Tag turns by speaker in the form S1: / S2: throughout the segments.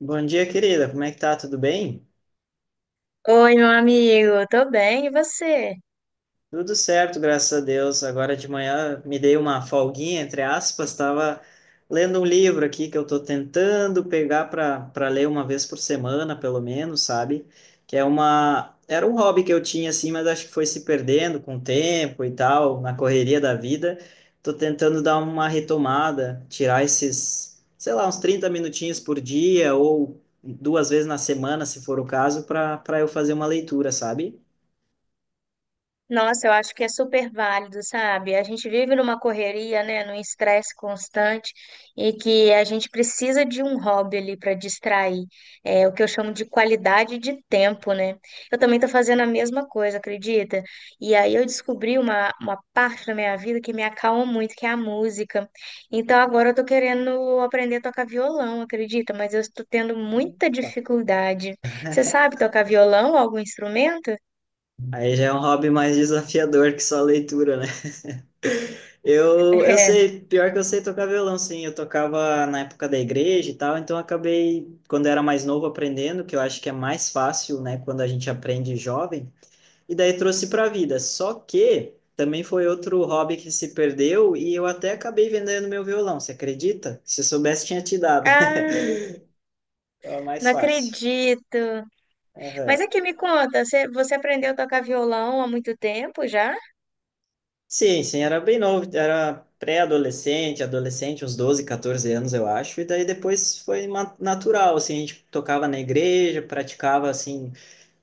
S1: Bom dia, querida. Como é que tá? Tudo bem?
S2: Oi, meu amigo, tô bem, e você?
S1: Tudo certo, graças a Deus. Agora de manhã me dei uma folguinha, entre aspas, estava lendo um livro aqui que eu estou tentando pegar para ler uma vez por semana, pelo menos, sabe? Que é uma era um hobby que eu tinha assim, mas acho que foi se perdendo com o tempo e tal, na correria da vida. Estou tentando dar uma retomada, tirar esses, sei lá, uns 30 minutinhos por dia ou duas vezes na semana, se for o caso, para eu fazer uma leitura, sabe?
S2: Nossa, eu acho que é super válido, sabe? A gente vive numa correria, né, num estresse constante e que a gente precisa de um hobby ali para distrair, é o que eu chamo de qualidade de tempo, né? Eu também tô fazendo a mesma coisa, acredita? E aí eu descobri uma parte da minha vida que me acalma muito, que é a música. Então agora eu tô querendo aprender a tocar violão, acredita? Mas eu estou tendo muita
S1: Ah,
S2: dificuldade. Você sabe tocar violão, algum instrumento?
S1: aí já é um hobby mais desafiador que só a leitura, né? Eu sei, pior que eu sei tocar violão, sim. Eu tocava na época da igreja e tal, então eu acabei, quando eu era mais novo, aprendendo, que eu acho que é mais fácil, né, quando a gente aprende jovem. E daí trouxe para a vida. Só que também foi outro hobby que se perdeu e eu até acabei vendendo meu violão, você acredita? Se eu soubesse, tinha te dado.
S2: É. Ah,
S1: Era mais
S2: não
S1: fácil.
S2: acredito.
S1: Aham.
S2: Mas aqui me conta, você aprendeu a tocar violão há muito tempo já?
S1: Sim, sim, era bem novo, era pré-adolescente, adolescente, uns 12 14 anos, eu acho, e daí depois foi natural, assim, a gente tocava na igreja, praticava, assim,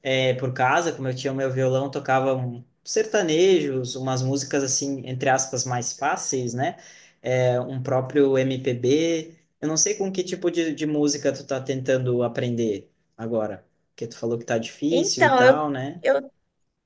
S1: por casa, como eu tinha o meu violão, tocava um, sertanejos, umas músicas, assim, entre aspas, mais fáceis, né, um próprio MPB, eu não sei com que tipo de música tu tá tentando aprender agora, porque tu falou que tá difícil e
S2: Então, eu,
S1: tal, né?
S2: eu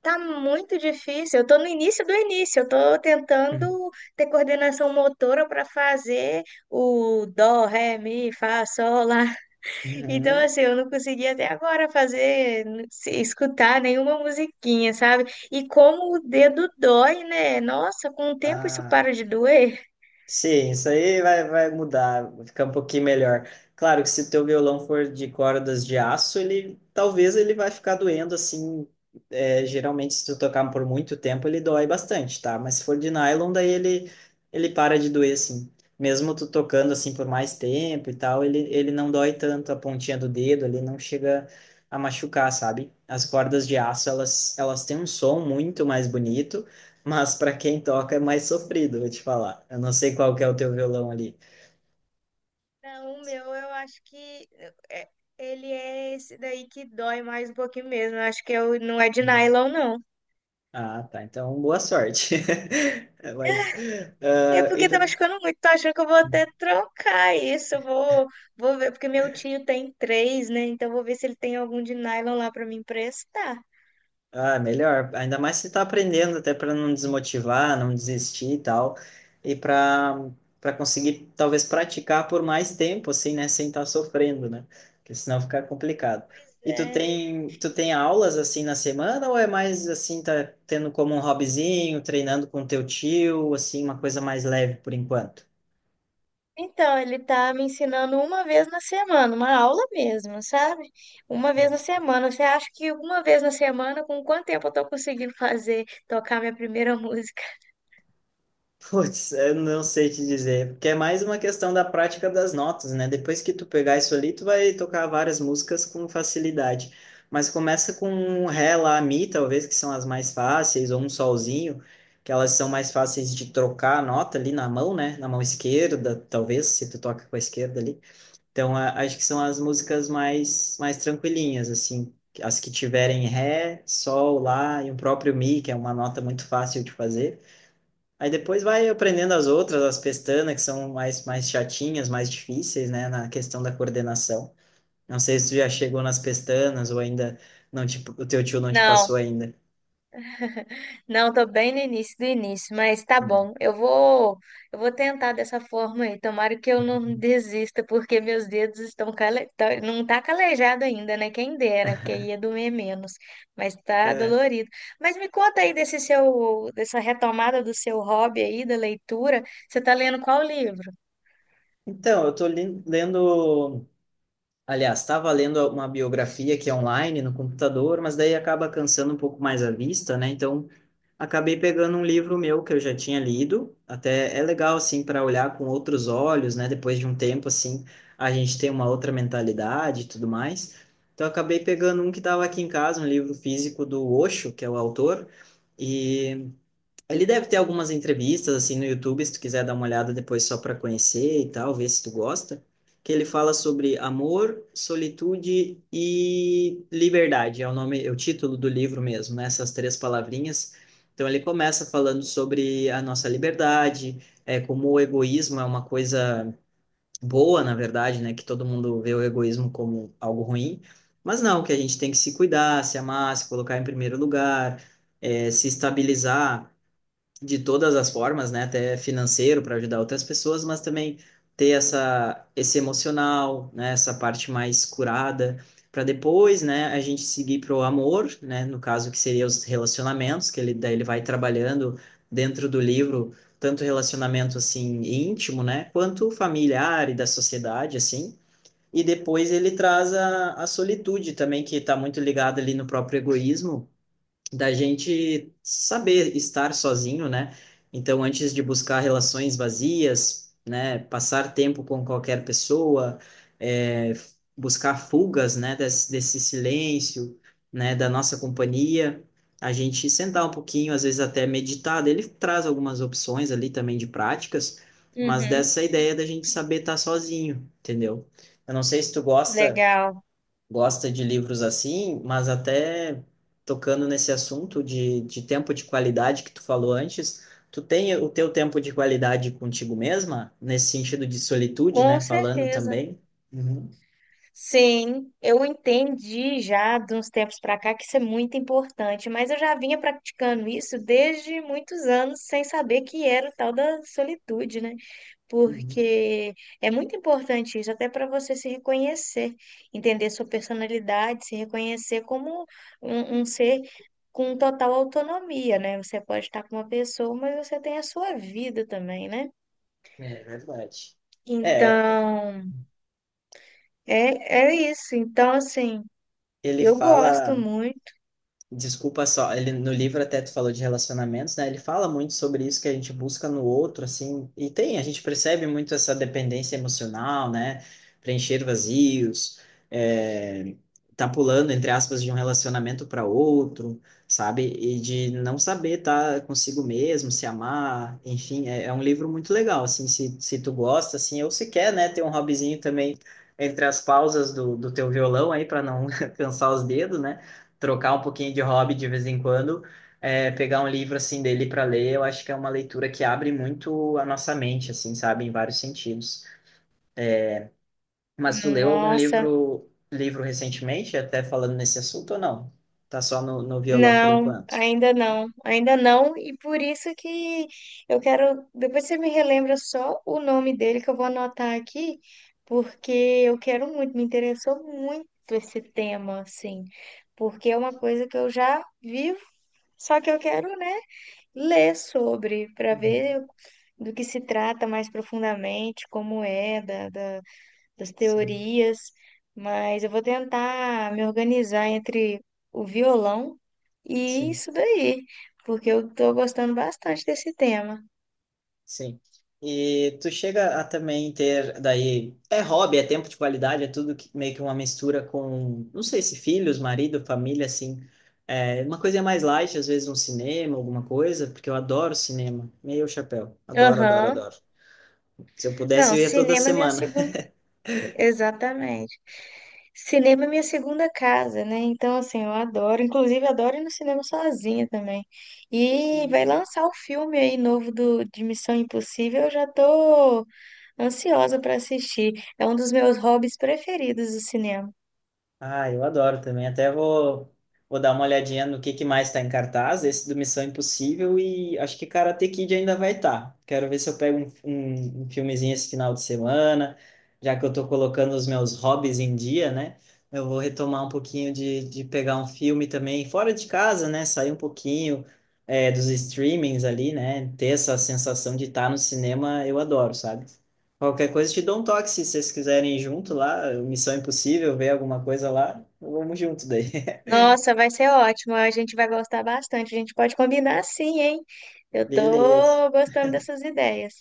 S2: tá muito difícil. Eu tô no início do início. Eu tô tentando ter coordenação motora para fazer o dó, ré, mi, fá, sol lá. Então,
S1: Uhum.
S2: assim, eu não consegui até agora fazer, escutar nenhuma musiquinha, sabe? E como o dedo dói, né? Nossa, com o tempo isso
S1: Ah,
S2: para de doer.
S1: sim, isso aí vai mudar, vai ficar um pouquinho melhor. Claro que se teu violão for de cordas de aço, ele talvez ele vai ficar doendo assim. Geralmente, se tu tocar por muito tempo, ele dói bastante, tá? Mas se for de nylon, daí ele para de doer, assim. Mesmo tu tocando assim por mais tempo e tal, ele não dói tanto a pontinha do dedo, ele não chega a machucar, sabe? As cordas de aço, elas têm um som muito mais bonito. Mas para quem toca é mais sofrido, vou te falar. Eu não sei qual que é o teu violão ali.
S2: Não, o meu eu acho que é- ele é esse daí que dói mais um pouquinho mesmo. Eu acho que eu, não é de nylon, não.
S1: Ah, tá. Então, boa sorte. Mas,
S2: É
S1: ah, e
S2: porque tá
S1: tu
S2: machucando muito, tô achando que eu vou até trocar isso. Eu vou ver, porque meu tio tem três, né? Então eu vou ver se ele tem algum de nylon lá pra me emprestar.
S1: ah, melhor. Ainda mais se tá aprendendo, até para não desmotivar, não desistir e tal. E para conseguir, talvez, praticar por mais tempo, assim, né? Sem estar sofrendo, né? Porque senão fica complicado.
S2: Pois
S1: E
S2: é.
S1: tu tem aulas, assim, na semana? Ou é mais, assim, tá tendo como um hobbyzinho, treinando com teu tio, assim, uma coisa mais leve por enquanto?
S2: Então, ele tá me ensinando uma vez na semana, uma aula mesmo, sabe? Uma vez na semana. Você acha que uma vez na semana, com quanto tempo eu tô conseguindo fazer, tocar minha primeira música?
S1: Putz, eu não sei te dizer, porque é mais uma questão da prática das notas, né? Depois que tu pegar isso ali, tu vai tocar várias músicas com facilidade. Mas começa com um ré, lá, mi, talvez, que são as mais fáceis, ou um solzinho, que elas são mais fáceis de trocar a nota ali na mão, né? Na mão esquerda, talvez, se tu toca com a esquerda ali. Então, acho que são as músicas mais tranquilinhas, assim. As que tiverem ré, sol, lá, e o próprio mi, que é uma nota muito fácil de fazer. Aí depois vai aprendendo as outras, as pestanas, que são mais chatinhas, mais difíceis, né, na questão da coordenação. Não sei se tu já chegou nas pestanas ou ainda não te, o teu tio não te passou
S2: Não.
S1: ainda.
S2: Não, tô bem no início do início, mas tá
S1: Hum.
S2: bom. Eu vou tentar dessa forma aí. Tomara que eu não desista, porque meus dedos estão não tá calejado ainda, né? Quem dera, porque aí ia doer menos, mas tá
S1: É.
S2: dolorido. Mas me conta aí dessa retomada do seu hobby aí da leitura. Você tá lendo qual livro?
S1: Então, eu tô lendo, aliás, estava lendo uma biografia que é online no computador, mas daí acaba cansando um pouco mais a vista, né? Então, acabei pegando um livro meu que eu já tinha lido. Até é legal assim para olhar com outros olhos, né? Depois de um tempo assim, a gente tem uma outra mentalidade e tudo mais. Então eu acabei pegando um que estava aqui em casa, um livro físico do Osho, que é o autor, e ele deve ter algumas entrevistas assim no YouTube, se tu quiser dar uma olhada depois só para conhecer e tal, ver se tu gosta, que ele fala sobre amor, solitude e liberdade. É o nome, é o título do livro mesmo, né? Essas três palavrinhas. Então ele começa falando sobre a nossa liberdade, como o egoísmo é uma coisa boa, na verdade, né? Que todo mundo vê o egoísmo como algo ruim, mas não, que a gente tem que se cuidar, se amar, se colocar em primeiro lugar, se estabilizar de todas as formas, né? Até financeiro para ajudar outras pessoas, mas também ter essa esse emocional, né? Essa parte mais curada para depois, né? A gente seguir pro amor, né? No caso que seria os relacionamentos, que ele daí ele vai trabalhando dentro do livro tanto relacionamento assim íntimo, né? Quanto familiar e da sociedade, assim. E depois ele traz a solitude também, que está muito ligada ali no próprio egoísmo da gente saber estar sozinho, né? Então, antes de buscar relações vazias, né, passar tempo com qualquer pessoa, é, buscar fugas, né, desse silêncio, né, da nossa companhia, a gente sentar um pouquinho, às vezes até meditar. Ele traz algumas opções ali também de práticas, mas
S2: Uhum,
S1: dessa ideia da gente saber estar sozinho, entendeu? Eu não sei se tu
S2: legal.
S1: gosta de livros assim, mas até tocando nesse assunto de tempo de qualidade que tu falou antes, tu tem o teu tempo de qualidade contigo mesma, nesse sentido de solitude, né?
S2: Com
S1: Falando
S2: certeza.
S1: também. Uhum,
S2: Sim, eu entendi já de uns tempos para cá que isso é muito importante, mas eu já vinha praticando isso desde muitos anos sem saber que era o tal da solitude, né?
S1: uhum.
S2: Porque é muito importante isso até para você se reconhecer, entender sua personalidade, se reconhecer como um ser com total autonomia, né? Você pode estar com uma pessoa, mas você tem a sua vida também, né?
S1: É verdade. É,
S2: Então, é, é isso. Então, assim,
S1: ele
S2: eu gosto
S1: fala.
S2: muito.
S1: Desculpa só, ele no livro até tu falou de relacionamentos, né? Ele fala muito sobre isso que a gente busca no outro, assim, e tem, a gente percebe muito essa dependência emocional, né? Preencher vazios, é, tá pulando, entre aspas, de um relacionamento para outro, sabe? E de não saber tá consigo mesmo, se amar, enfim, é um livro muito legal, assim, se tu gosta, assim, ou se quer, né, ter um hobbyzinho também entre as pausas do teu violão aí para não cansar os dedos, né? Trocar um pouquinho de hobby de vez em quando, pegar um livro assim dele para ler, eu acho que é uma leitura que abre muito a nossa mente, assim, sabe, em vários sentidos. Mas tu leu algum
S2: Nossa,
S1: livro recentemente, até falando nesse assunto ou não? Tá só no violão por
S2: não,
S1: enquanto.
S2: ainda não, e por isso que eu quero. Depois você me relembra só o nome dele que eu vou anotar aqui, porque eu quero muito, me interessou muito esse tema, assim, porque é uma coisa que eu já vivo, só que eu quero, né, ler sobre, para
S1: Uhum.
S2: ver do que se trata mais profundamente, como é, da da. Das
S1: Sim,
S2: teorias, mas eu vou tentar me organizar entre o violão e
S1: sim.
S2: isso daí, porque eu estou gostando bastante desse tema.
S1: Sim. E tu chega a também ter, daí, é hobby, é tempo de qualidade, é tudo que, meio que uma mistura com, não sei se filhos, marido, família, assim. É, uma coisa mais light, às vezes um cinema, alguma coisa, porque eu adoro cinema, meio chapéu. Adoro, adoro,
S2: Aham.
S1: adoro. Se eu pudesse,
S2: Não,
S1: eu ia toda
S2: cinema é minha
S1: semana.
S2: segunda. Exatamente. Cinema é minha segunda casa, né? Então, assim, eu adoro. Inclusive, adoro ir no cinema sozinha também. E vai lançar o filme aí novo do, de Missão Impossível. Eu já tô ansiosa para assistir. É um dos meus hobbies preferidos, o cinema.
S1: Ah, eu adoro também. Até vou dar uma olhadinha no que mais está em cartaz. Esse do Missão Impossível e acho que Karate Kid ainda vai estar. Quero ver se eu pego um filmezinho esse final de semana, já que eu estou colocando os meus hobbies em dia, né? Eu vou retomar um pouquinho de pegar um filme também fora de casa, né? Sair um pouquinho dos streamings ali, né? Ter essa sensação de estar no cinema, eu adoro, sabe? Qualquer coisa, te dou um toque se vocês quiserem ir junto lá, Missão Impossível, ver alguma coisa lá, vamos junto daí.
S2: Nossa, vai ser ótimo. A gente vai gostar bastante. A gente pode combinar, sim, hein? Eu
S1: Beleza.
S2: tô gostando dessas ideias.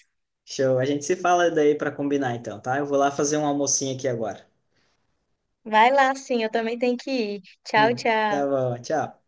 S1: Show. A gente se fala daí para combinar então, tá? Eu vou lá fazer um almocinho aqui agora.
S2: Vai lá, sim, eu também tenho que ir. Tchau,
S1: Hum. Tá
S2: tchau.
S1: bom, tchau.